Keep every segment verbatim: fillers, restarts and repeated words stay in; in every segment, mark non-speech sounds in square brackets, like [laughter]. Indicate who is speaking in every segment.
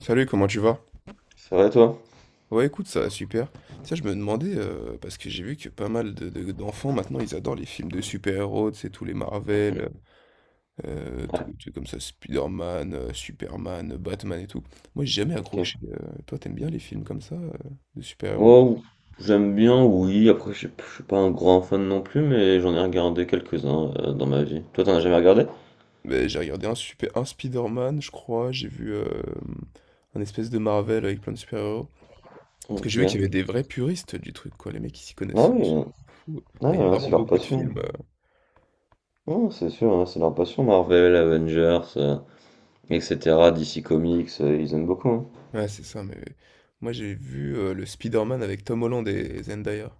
Speaker 1: Salut, comment tu vas?
Speaker 2: C'est vrai toi?
Speaker 1: Ouais, écoute, ça va super. Tu sais, je me demandais, euh, parce que j'ai vu que pas mal de, de- d'enfants maintenant, ils adorent les films de super-héros, tu sais, tous les
Speaker 2: Mhm.
Speaker 1: Marvel, euh, tous
Speaker 2: Ouais,
Speaker 1: les trucs comme ça, Spider-Man, euh, Superman, Batman et tout. Moi, j'ai jamais accroché.
Speaker 2: ok.
Speaker 1: euh, Toi, t'aimes bien les films comme ça, euh, de super-héros?
Speaker 2: Oh, j'aime bien, oui. Après, je suis je suis pas un grand fan non plus, mais j'en ai regardé quelques-uns euh, dans ma vie. Toi, t'en as jamais regardé?
Speaker 1: Ben, j'ai regardé un, super, un Spider-Man, je crois, j'ai vu euh, un espèce de Marvel avec plein de super-héros. Parce que
Speaker 2: Ok.
Speaker 1: j'ai vu qu'il y avait des vrais puristes du truc, quoi, les mecs qui s'y
Speaker 2: Ah
Speaker 1: connaissent. euh,
Speaker 2: oui, euh,
Speaker 1: Fou.
Speaker 2: ah,
Speaker 1: Et il
Speaker 2: ouais,
Speaker 1: y a
Speaker 2: hein,
Speaker 1: vraiment
Speaker 2: c'est leur
Speaker 1: beaucoup de
Speaker 2: passion.
Speaker 1: films.
Speaker 2: Non, c'est sûr, hein, c'est leur passion. Marvel, Avengers, euh, et cetera. D C Comics, euh, ils aiment beaucoup, hein.
Speaker 1: Ouais, c'est ça, mais moi j'ai vu euh, le Spider-Man avec Tom Holland et Zendaya.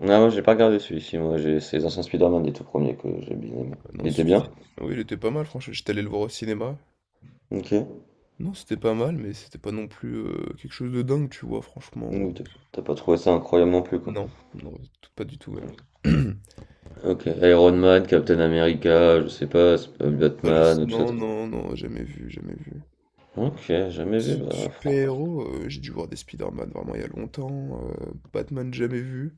Speaker 2: Ah, moi, j'ai pas regardé celui-ci. Moi, j'ai c'est les anciens Spider-Man, les tout premiers que j'ai bien
Speaker 1: Ah
Speaker 2: aimé.
Speaker 1: non,
Speaker 2: Il était
Speaker 1: c-
Speaker 2: bien?
Speaker 1: c- oui, il était pas mal, franchement. J'étais allé le voir au cinéma.
Speaker 2: Ok.
Speaker 1: Non, c'était pas mal, mais c'était pas non plus euh, quelque chose de dingue, tu vois, franchement.
Speaker 2: Donc, T'as t'as pas trouvé ça incroyable non plus, quoi.
Speaker 1: Non, non, tout- pas du tout même. [clears throat]
Speaker 2: OK, Iron Man, Captain America, je sais pas, Sp-
Speaker 1: Ah, je
Speaker 2: Batman, tout ça.
Speaker 1: Non,
Speaker 2: t'as-
Speaker 1: non, non, jamais vu, jamais vu.
Speaker 2: OK, jamais vu,
Speaker 1: Su-
Speaker 2: bah, franchement.
Speaker 1: Super-héros, euh, j'ai dû voir des Spider-Man vraiment il y a longtemps. euh, Batman, jamais vu.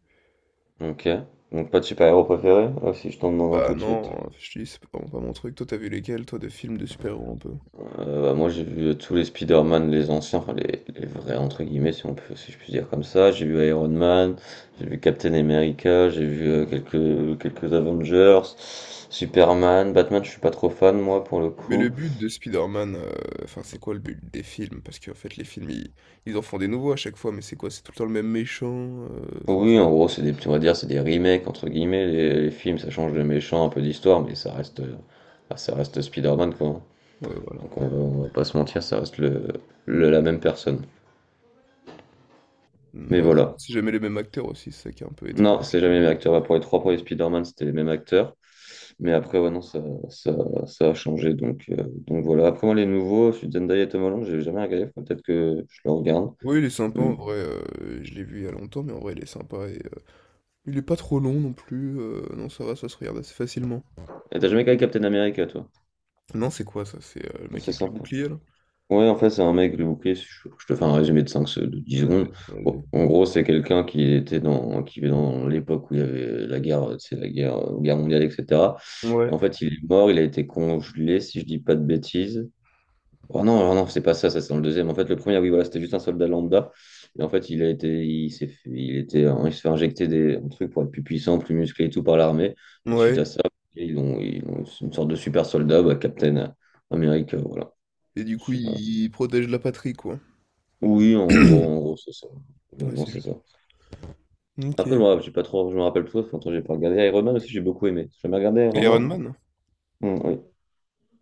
Speaker 2: OK. Donc pas de super-héros préféré? Ah, si je t'en demande un
Speaker 1: Bah
Speaker 2: tout de suite.
Speaker 1: non, je te dis, c'est vraiment pas mon truc. Toi, t'as vu lesquels, toi, de films de super-héros un peu?
Speaker 2: Euh, bah, moi j'ai vu tous les Spider-Man, les anciens, enfin les, les vrais entre guillemets si on peut, si je puis dire comme ça. J'ai vu Iron Man, j'ai vu Captain America, j'ai vu euh, quelques quelques Avengers, Superman, Batman, je suis pas trop fan moi pour le
Speaker 1: Mais le
Speaker 2: coup.
Speaker 1: but de Spider-Man, euh, enfin c'est quoi le but des films? Parce qu'en fait les films ils, ils en font des nouveaux à chaque fois, mais c'est quoi? C'est tout le temps le même méchant, euh, enfin c'est-
Speaker 2: Oui, en gros, c'est des on va dire, c'est des remakes entre guillemets. Les, les films, ça change de méchant, un peu d'histoire, mais ça reste, euh, bah, ça reste Spider-Man quoi, hein.
Speaker 1: ouais voilà.
Speaker 2: Donc on va, on va pas se mentir, ça reste le, le- la même personne.
Speaker 1: Mm,
Speaker 2: Mais
Speaker 1: ouais,
Speaker 2: voilà.
Speaker 1: c'est jamais les mêmes acteurs aussi, c'est ça qui est un peu étrange,
Speaker 2: Non,
Speaker 1: je
Speaker 2: c'est
Speaker 1: trouve.
Speaker 2: jamais le même acteur. Bah, Pour les trois premiers Spider-Man, c'était les mêmes acteurs. Mais après, ouais, non, ça, ça, ça a changé. Donc, euh, donc voilà. Après, moi, les nouveaux, je suis Zendaya et Tom Holland, j'ai jamais regardé. Faut Peut-être que je le regarde.
Speaker 1: Oui, il est sympa
Speaker 2: Mm.
Speaker 1: en vrai, euh, je l'ai vu il y a longtemps, mais en vrai il est sympa et euh, il est pas trop long non plus, euh, non ça va, ça se regarde assez facilement.
Speaker 2: Et t'as jamais regardé Captain America, toi?
Speaker 1: Non, c'est quoi ça? C'est euh, le mec
Speaker 2: C'est
Speaker 1: avec le
Speaker 2: simple.
Speaker 1: bouclier là?
Speaker 2: Ouais, en fait, c'est un mec, le bouclier, si je, je te fais un résumé de cinq, se- de dix
Speaker 1: Ouais,
Speaker 2: secondes. Bon,
Speaker 1: vas-y.
Speaker 2: en gros, c'est quelqu'un qui était dans, qui vivait dans l'époque où il y avait la guerre, euh, c'est la guerre, euh, guerre mondiale, et cetera. Et
Speaker 1: Ouais.
Speaker 2: en fait, il est mort, il a été congelé, si je dis pas de bêtises. Oh non, oh non, c'est pas ça, ça c'est dans le deuxième. En fait, le premier, oui, voilà, c'était juste un soldat lambda. Et en fait, il a été, il s'est fait, il était, hein, il se fait injecter des un truc pour être plus puissant, plus musclé et tout par l'armée. Et suite
Speaker 1: Ouais.
Speaker 2: à ça, ok, ils ont, ils ont une sorte de super soldat, bah, Captain America, voilà.
Speaker 1: Et du coup il, il protège la patrie quoi.
Speaker 2: Oui, en gros, en gros, c'est ça.
Speaker 1: Ouais,
Speaker 2: Globalement,
Speaker 1: c'est
Speaker 2: c'est ça.
Speaker 1: juste.
Speaker 2: Après, je
Speaker 1: Ok.
Speaker 2: me rappelle, j'ai pas trop, je me rappelle trop, ça fait longtemps que j'ai pas regardé Iron Man aussi, j'ai beaucoup aimé. J'ai jamais regardé Iron Man?
Speaker 1: Iron Man?
Speaker 2: Hum, oui.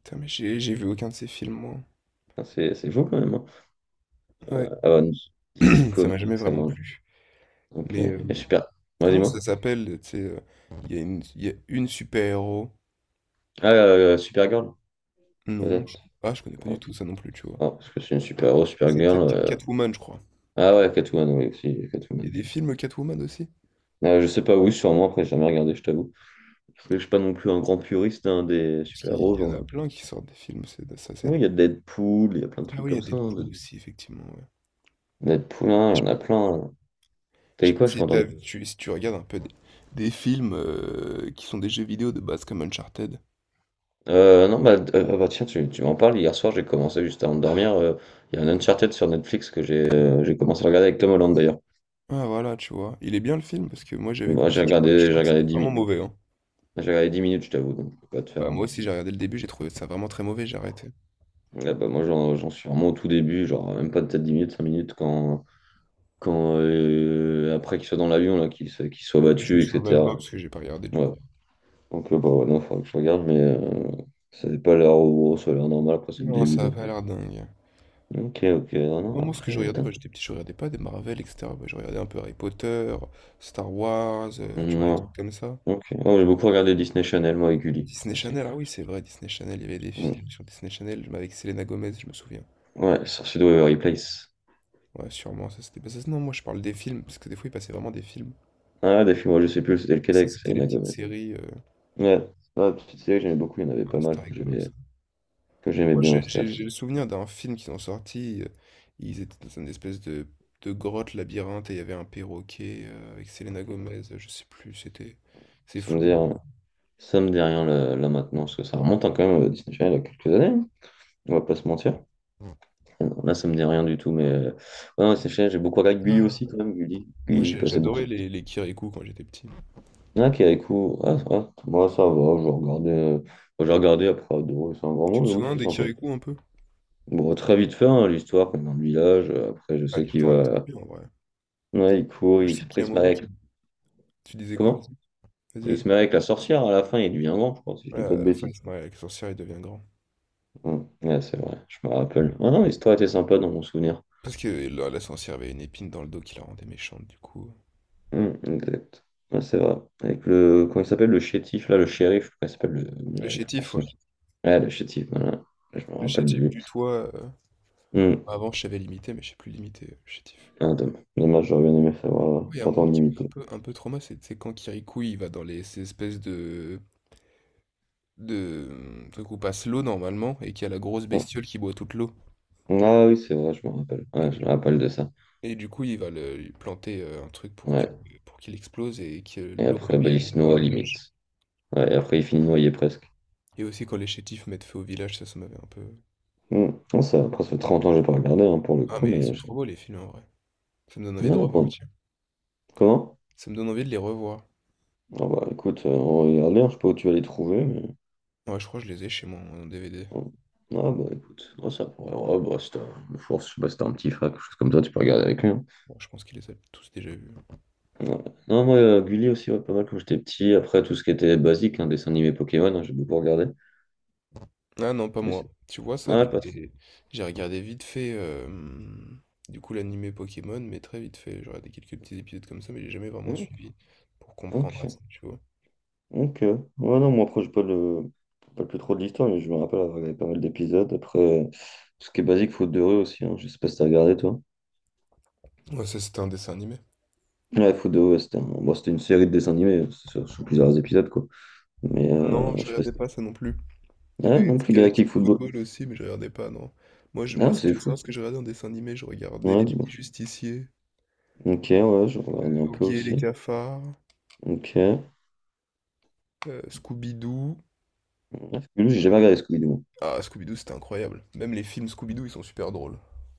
Speaker 1: Putain, mais j'ai j'ai vu aucun de ces films, moi.
Speaker 2: Ah, C'est c'est chaud quand même, hein.
Speaker 1: Ouais,
Speaker 2: Avengers, D C
Speaker 1: [clears throat] ça m'a
Speaker 2: Comics,
Speaker 1: jamais vraiment
Speaker 2: Avengers.
Speaker 1: plu.
Speaker 2: Ok.
Speaker 1: Mais euh,
Speaker 2: Et super. Vas-y,
Speaker 1: comment ça
Speaker 2: moi.
Speaker 1: s'appelle, tu sais, euh, il y a une, il y a une super-héros.
Speaker 2: Ah, euh, euh, Supergirl,
Speaker 1: Non, je...
Speaker 2: peut-être.
Speaker 1: ah, je connais pas
Speaker 2: Ouais.
Speaker 1: du tout ça non plus, tu vois.
Speaker 2: Ah, parce que c'est une super-héros,
Speaker 1: C'est
Speaker 2: Supergirl.
Speaker 1: peut-être Cat-
Speaker 2: euh.
Speaker 1: Catwoman, je crois.
Speaker 2: Ah ouais, Catwoman, oui, aussi,
Speaker 1: Il y
Speaker 2: Catwoman.
Speaker 1: a des films Catwoman aussi?
Speaker 2: Euh, je sais pas, oui, sûrement, après, j'ai jamais regardé, je t'avoue. Parce que je suis pas non plus un grand puriste, hein, des
Speaker 1: Parce qu'il
Speaker 2: super-héros.
Speaker 1: y en
Speaker 2: genre.
Speaker 1: a
Speaker 2: euh,
Speaker 1: plein qui sortent des films, c'est ça. c'est...
Speaker 2: Oui, il y a Deadpool, il y a plein de
Speaker 1: Ah
Speaker 2: trucs
Speaker 1: oui, il y a
Speaker 2: comme ça, hein.
Speaker 1: Deadpool aussi, effectivement, ouais.
Speaker 2: Deadpool, hein, il y
Speaker 1: Je
Speaker 2: en a plein, hein. T'as
Speaker 1: je sais
Speaker 2: dit
Speaker 1: pas
Speaker 2: quoi, je t'ai
Speaker 1: si,
Speaker 2: pas
Speaker 1: t'as-
Speaker 2: entendu.
Speaker 1: tu, si tu regardes un peu des, des films euh, qui sont des jeux vidéo de base comme Uncharted.
Speaker 2: Euh, non, bah, d- euh, ah bah, tiens, tu, tu m'en parles. Hier soir, j'ai commencé juste avant de dormir. euh, Il y a un Uncharted sur Netflix que j'ai euh, j'ai commencé à regarder avec Tom Holland d'ailleurs.
Speaker 1: Ah voilà, tu vois. Il est bien le film parce que moi j'avais
Speaker 2: Moi, j'ai
Speaker 1: commencé, je trouvais, je
Speaker 2: regardé, j'ai
Speaker 1: trouvais que
Speaker 2: regardé
Speaker 1: c'était
Speaker 2: dix
Speaker 1: vraiment
Speaker 2: minutes.
Speaker 1: mauvais. Hein.
Speaker 2: J'ai regardé dix minutes, je t'avoue, donc je peux pas te faire.
Speaker 1: Bah, moi
Speaker 2: un-
Speaker 1: aussi, j'ai regardé le début, j'ai trouvé ça vraiment très mauvais, j'ai arrêté.
Speaker 2: Ah bah, moi, j'en j'en suis vraiment au tout début, genre même pas peut-être dix minutes, cinq minutes, quand, quand euh, après qu'il soit dans l'avion, là, qu'il se- qu'il soit
Speaker 1: Ah ouais. Ouais, je me
Speaker 2: battu,
Speaker 1: souviens même pas
Speaker 2: et cetera.
Speaker 1: parce que j'ai pas regardé du
Speaker 2: Ouais.
Speaker 1: coup.
Speaker 2: Donc, euh, bah, ouais, non, faudra que je regarde, mais euh, ça n'est pas l'air au gros, ça a l'air normal, après, c'est le
Speaker 1: Non,
Speaker 2: début.
Speaker 1: ça a
Speaker 2: Donc.
Speaker 1: pas l'air dingue.
Speaker 2: Ok, ok, non, non,
Speaker 1: Non, moi, ce que je
Speaker 2: après,
Speaker 1: regardais quand
Speaker 2: attends.
Speaker 1: j'étais petit, je regardais pas des Marvel, et cetera. Bah, je regardais un peu Harry Potter, Star Wars, euh, tu vois, les
Speaker 2: Non.
Speaker 1: trucs comme ça.
Speaker 2: Ok. Oh, j'ai beaucoup regardé Disney Channel, moi, et Gulli
Speaker 1: Disney
Speaker 2: aussi.
Speaker 1: Channel, ah oui, c'est vrai, Disney Channel, il y avait des
Speaker 2: Mm.
Speaker 1: films sur Disney Channel mais avec Selena Gomez, je me souviens.
Speaker 2: Ouais, Sorcier de Waverly Place.
Speaker 1: Ouais, sûrement, ça c'était pas ça. Non, moi, je parle des films parce que des fois, ils passaient vraiment des films.
Speaker 2: Ah, des films, moi, je sais plus, c'était
Speaker 1: Ça,
Speaker 2: lequel c'est
Speaker 1: c'était les
Speaker 2: Selena
Speaker 1: petites
Speaker 2: Gomez.
Speaker 1: séries. euh,
Speaker 2: Ouais, ah, petite série que j'aimais beaucoup, il y en avait
Speaker 1: ah,
Speaker 2: pas mal
Speaker 1: c'était
Speaker 2: que
Speaker 1: rigolo.
Speaker 2: j'aimais que j'aimais
Speaker 1: Moi,
Speaker 2: bien au
Speaker 1: j'ai j'ai-
Speaker 2: théâtre.
Speaker 1: j'ai le souvenir d'un film qu'ils ont sorti. euh, Ils étaient dans une espèce de, de grotte labyrinthe et il y avait un perroquet euh, avec Selena Gomez. euh, Je sais plus, c'était c'est
Speaker 2: Ça me dit
Speaker 1: flou.
Speaker 2: rien, ça me dit rien là, là maintenant, parce que ça remonte, hein, quand même à Disney Channel il y a quelques années, hein. On va pas se mentir.
Speaker 1: Ouais.
Speaker 2: Là, ça me dit rien du tout, mais euh, ouais, non, Disney Channel, j'ai beaucoup regardé Gulli
Speaker 1: Ah.
Speaker 2: aussi quand même, Gulli.
Speaker 1: Moi,
Speaker 2: Gulli, j'ai
Speaker 1: j'ai-
Speaker 2: passé beaucoup.
Speaker 1: j'adorais les, les Kirikou quand j'étais petit.
Speaker 2: Ah, qui avec vous. Ah, ah, moi, ça va, je regardais, euh, j'ai regardé après, adoré, c'est un grand mot,
Speaker 1: Tu te
Speaker 2: mais oui,
Speaker 1: souviens
Speaker 2: c'était
Speaker 1: des
Speaker 2: sympa.
Speaker 1: Kirikou un peu?
Speaker 2: Bon, très vite fait, hein, l'histoire, comme dans le village, euh, après, je
Speaker 1: Ah,
Speaker 2: sais qu'il
Speaker 1: l'histoire, elle est trop
Speaker 2: va.
Speaker 1: bien en vrai. Moi,
Speaker 2: Ouais, il court,
Speaker 1: je
Speaker 2: il,
Speaker 1: sais qu'il
Speaker 2: après,
Speaker 1: y a
Speaker 2: il
Speaker 1: un
Speaker 2: se marie
Speaker 1: moment qui...
Speaker 2: avec.
Speaker 1: Tu disais quoi?
Speaker 2: Comment?
Speaker 1: Vas-y, vas-y,
Speaker 2: Il se
Speaker 1: vas-y.
Speaker 2: marie avec la sorcière à la fin, il devient grand, je crois, si je
Speaker 1: Ouais,
Speaker 2: dis pas de
Speaker 1: à la fin, il
Speaker 2: bêtises.
Speaker 1: se marie avec la sorcière, il devient grand.
Speaker 2: Hum, Ouais, c'est vrai, je me rappelle. Ah non, l'histoire était sympa dans mon souvenir.
Speaker 1: Parce que là, la sorcière avait une épine dans le dos qui la rendait méchante, du coup.
Speaker 2: Hum, exact. Ouais, c'est vrai. Avec le. Comment il s'appelle le chétif, là, le shérif, je crois qu'il s'appelle le.
Speaker 1: Le
Speaker 2: Avec le
Speaker 1: chétif, ouais.
Speaker 2: personnage. Ouais, le chétif, voilà. Je me
Speaker 1: Le
Speaker 2: rappelle de
Speaker 1: chétif
Speaker 2: lui.
Speaker 1: du toit. euh,
Speaker 2: Hum,
Speaker 1: Avant, je savais limiter, mais je sais plus limiter chez Tiff.
Speaker 2: Ah, domm- dommage, j'aurais bien aimé savoir.
Speaker 1: Il y a un moment
Speaker 2: T'entends
Speaker 1: qui m'a un
Speaker 2: limiter.
Speaker 1: peu, un peu trauma, c'est c'est quand Kirikou il va dans les, ces espèces de, de euh, trucs où passe l'eau normalement et qu'il y a la grosse
Speaker 2: Hum.
Speaker 1: bestiole qui boit toute l'eau.
Speaker 2: Ah oui, c'est vrai, je me rappelle. Ouais,
Speaker 1: Et,
Speaker 2: je me rappelle de ça.
Speaker 1: et du coup, il va le, lui planter euh, un truc pour que,
Speaker 2: Ouais.
Speaker 1: pour qu'il explose et que
Speaker 2: Et
Speaker 1: l'eau
Speaker 2: après, bah, il
Speaker 1: revienne
Speaker 2: se
Speaker 1: dans le
Speaker 2: noie
Speaker 1: village.
Speaker 2: limite. Ouais, et après, il finit noyé presque.
Speaker 1: Et aussi quand les chétifs mettent feu au village, ça, ça m'avait un peu.
Speaker 2: Hmm. Non, ça, après, ça fait trente ans que j'ai pas regardé, hein, pour le
Speaker 1: Ah,
Speaker 2: coup,
Speaker 1: mais ils
Speaker 2: mais
Speaker 1: sont
Speaker 2: je-
Speaker 1: trop beaux les films en vrai. Ça me donne
Speaker 2: Ouais,
Speaker 1: envie de
Speaker 2: non, bon.
Speaker 1: repartir.
Speaker 2: Comment?
Speaker 1: Ça me donne envie de les revoir.
Speaker 2: Ah bah écoute, euh, on va regarder, hein, je sais pas où tu vas les trouver, mais.
Speaker 1: Ouais, je crois que je les ai chez moi en D V D.
Speaker 2: Bon. Ah bah écoute, non, ça pourrait. Ouais, bah, c'est un- force, je sais pas, c'était un petit frère, quelque chose comme ça, tu peux regarder avec lui, hein.
Speaker 1: Bon, je pense qu'il les a tous déjà vus.
Speaker 2: Ouais. Non, moi, euh, Gulli aussi, ouais, pas mal quand j'étais petit. Après, tout ce qui était basique, hein, dessin animé Pokémon, hein, j'ai beaucoup regardé.
Speaker 1: Ah non, pas
Speaker 2: Je sais-
Speaker 1: moi. Tu vois ça,
Speaker 2: Ouais,
Speaker 1: les...
Speaker 2: pas trop.
Speaker 1: les- j'ai regardé vite fait, euh, du coup, l'animé Pokémon, mais très vite fait. J'ai regardé quelques petits épisodes comme ça, mais j'ai jamais vraiment
Speaker 2: Hmm,
Speaker 1: suivi pour comprendre à
Speaker 2: ok.
Speaker 1: ça, tu vois.
Speaker 2: Ok. Ouais, non, moi, après, j'ai pas le, pas plus trop de l'histoire, mais je me rappelle avoir regardé pas mal d'épisodes. Après, euh, tout ce qui est basique, Faute de rue aussi, hein. Je sais pas si t'as regardé, toi.
Speaker 1: Ouais, ça, c'était un dessin animé.
Speaker 2: Ouais, Faute de rue, ouais, c'était un- bon, c'était une série de dessins animés, hein, c'est sur, sur plusieurs épisodes, quoi. Mais
Speaker 1: Non,
Speaker 2: euh,
Speaker 1: je
Speaker 2: je sais pas si.
Speaker 1: regardais pas ça non plus. Il y
Speaker 2: Ah,
Speaker 1: avait
Speaker 2: non plus Galactic
Speaker 1: Galactic
Speaker 2: Football.
Speaker 1: Football aussi, mais je regardais pas, non. Moi, je- moi,
Speaker 2: Ah,
Speaker 1: si tu
Speaker 2: c'est
Speaker 1: veux
Speaker 2: fou.
Speaker 1: savoir ce que je regardais en dessin animé, je regardais
Speaker 2: Ouais,
Speaker 1: les
Speaker 2: dis-moi.
Speaker 1: mini-justiciers,
Speaker 2: Ok, ouais, je regardais un peu
Speaker 1: Oggy et les
Speaker 2: aussi.
Speaker 1: cafards,
Speaker 2: Ok. Ouais,
Speaker 1: euh, Scooby-Doo.
Speaker 2: Scooby-Doo, j'ai jamais regardé Scooby-Doo.
Speaker 1: Ah, Scooby-Doo, c'était incroyable. Même les films Scooby-Doo, ils sont super drôles.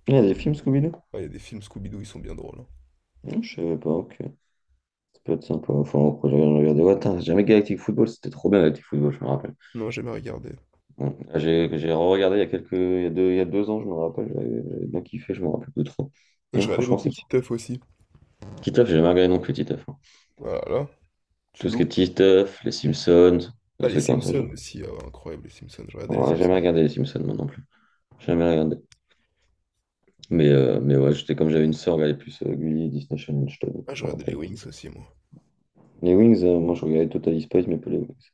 Speaker 2: Il y a des films Scooby-Doo?
Speaker 1: Ah, il y a des films Scooby-Doo, ils sont bien drôles. Hein.
Speaker 2: Non, je savais pas, ok. Ça peut être sympa. Enfin, après, j'ai rien regardé. Ouais, attends, j'ai jamais Galactic Football, c'était trop bien Galactic Football, je me rappelle.
Speaker 1: Non, j'ai jamais regardé.
Speaker 2: Mm. J'ai j'ai regardé il y a quelques il y a deux, il y a deux ans, je me rappelle, j'avais j'avais bien kiffé, je me rappelle plus trop.
Speaker 1: Je
Speaker 2: Non,
Speaker 1: regardais
Speaker 2: franchement,
Speaker 1: beaucoup
Speaker 2: c'est
Speaker 1: Titeuf aussi.
Speaker 2: Titeuf, j'ai jamais regardé non plus Titeuf, hein.
Speaker 1: Voilà, tu
Speaker 2: Tout ce qui est
Speaker 1: loupes.
Speaker 2: Titeuf, les Simpsons,
Speaker 1: Ah,
Speaker 2: des
Speaker 1: les
Speaker 2: trucs comme ça, j'ai
Speaker 1: Simpsons aussi, ah ouais, incroyable les Simpsons, je regardais les
Speaker 2: ouais, j'ai
Speaker 1: Simpsons.
Speaker 2: jamais regardé les Simpsons moi non plus. Jamais regardé. Mais, euh, mais ouais, j'étais comme j'avais une sœur, elle regardait plus euh, Gulli et Disney Channel, je t'avoue,
Speaker 1: Ah, je
Speaker 2: je me
Speaker 1: regardais les
Speaker 2: rappelle.
Speaker 1: Wings aussi, moi.
Speaker 2: Les Wings, euh, moi je regardais Totally Spies, mais pas les Wings.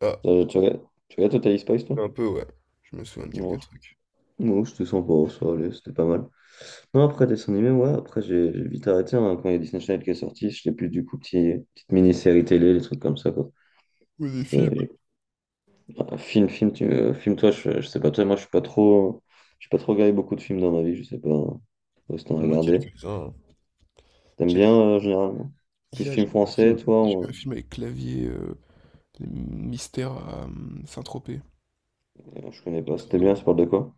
Speaker 1: Ah,
Speaker 2: Euh, tu regardes, tu regardes Totally Spies, toi?
Speaker 1: un peu, ouais. Je me souviens de
Speaker 2: Non,
Speaker 1: quelques trucs.
Speaker 2: non, c'était sympa, ça allait, c'était pas mal. Non, après dessin animé, ouais, après j'ai j'ai vite arrêté, hein, quand il y a Disney Channel qui est sorti, je l'ai plus du coup petit, petite mini-série télé, les trucs comme ça quoi.
Speaker 1: Ou des films.
Speaker 2: C'était un film, film, tu, euh, film toi, je, je sais pas toi, moi je suis pas trop je suis pas trop regardé beaucoup de films dans ma vie, je sais pas euh, si t'en as
Speaker 1: Moi,
Speaker 2: regardé.
Speaker 1: quelques-uns. Hein.
Speaker 2: T'aimes bien
Speaker 1: J'ai-
Speaker 2: euh, généralement? Plus
Speaker 1: Hier,
Speaker 2: film
Speaker 1: j'ai vu un
Speaker 2: français,
Speaker 1: film.
Speaker 2: toi,
Speaker 1: J'ai vu un
Speaker 2: ou.
Speaker 1: film avec Clavier, euh, les mystères à euh, Saint-Tropez.
Speaker 2: euh, je connais pas,
Speaker 1: Très
Speaker 2: c'était bien,
Speaker 1: drôle.
Speaker 2: ça parle de quoi?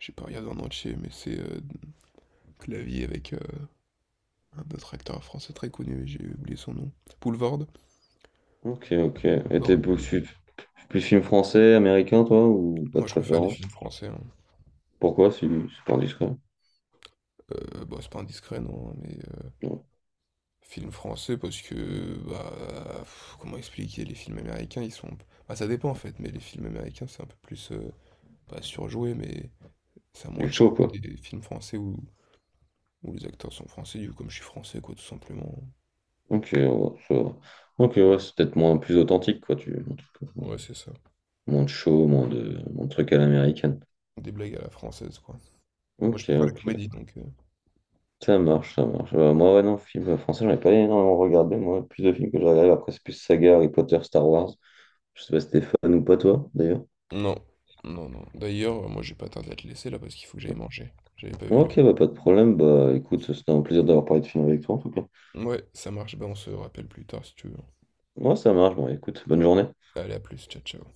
Speaker 1: J'ai pas regardé en entier, mais c'est euh, Clavier avec euh, un autre acteur français très connu, mais j'ai oublié son nom. Boulevard.
Speaker 2: Ok, ok. Et t'es
Speaker 1: Boulevard,
Speaker 2: plus,
Speaker 1: et-
Speaker 2: plus film français, américain, toi, ou pas de
Speaker 1: Moi, je préfère les
Speaker 2: préférence?
Speaker 1: films français. Hein.
Speaker 2: Pourquoi si c'est pas indiscret?
Speaker 1: Euh, bon, c'est pas indiscret, non, mais
Speaker 2: Non.
Speaker 1: film français parce que, bah, pff, comment expliquer? Les films américains, ils sont bah, ça dépend en fait, mais les films américains, c'est un peu plus, heu, pas surjoué, mais ça a moins
Speaker 2: Du
Speaker 1: de
Speaker 2: chaud,
Speaker 1: charme
Speaker 2: quoi.
Speaker 1: que des films français où où les acteurs sont français, du coup, comme je suis français, quoi, tout simplement.
Speaker 2: Ok, ouais, ça va. Ok, ouais, c'est peut-être moins plus authentique, quoi. Tu, un truc, euh.
Speaker 1: Ouais, c'est ça.
Speaker 2: Moins de show, moins de, moins de trucs à l'américaine.
Speaker 1: Des blagues à la française, quoi. Moi, je
Speaker 2: Ok,
Speaker 1: préfère la
Speaker 2: ok.
Speaker 1: comédie donc heu
Speaker 2: Ça marche, ça marche. Euh, moi, ouais, non, film euh, français, j'en ai pas énormément regardé. Moi, le plus de films que je regarde, après, c'est plus saga, Harry Potter, Star Wars. Je sais pas si t'es fan ou pas, toi, d'ailleurs.
Speaker 1: non, non, non. D'ailleurs, euh, moi, j'ai pas tardé à te laisser là parce qu'il faut que j'aille manger. J'avais pas vu
Speaker 2: Ok, bah, pas de problème. Bah, écoute, c'était un plaisir d'avoir parlé de film avec toi, en tout cas.
Speaker 1: l'heure. Ouais, ça marche, bah, on se rappelle plus tard si tu veux.
Speaker 2: Ouais, ça marche. Bon, écoute, bonne journée.
Speaker 1: Allez, à plus, ciao, ciao.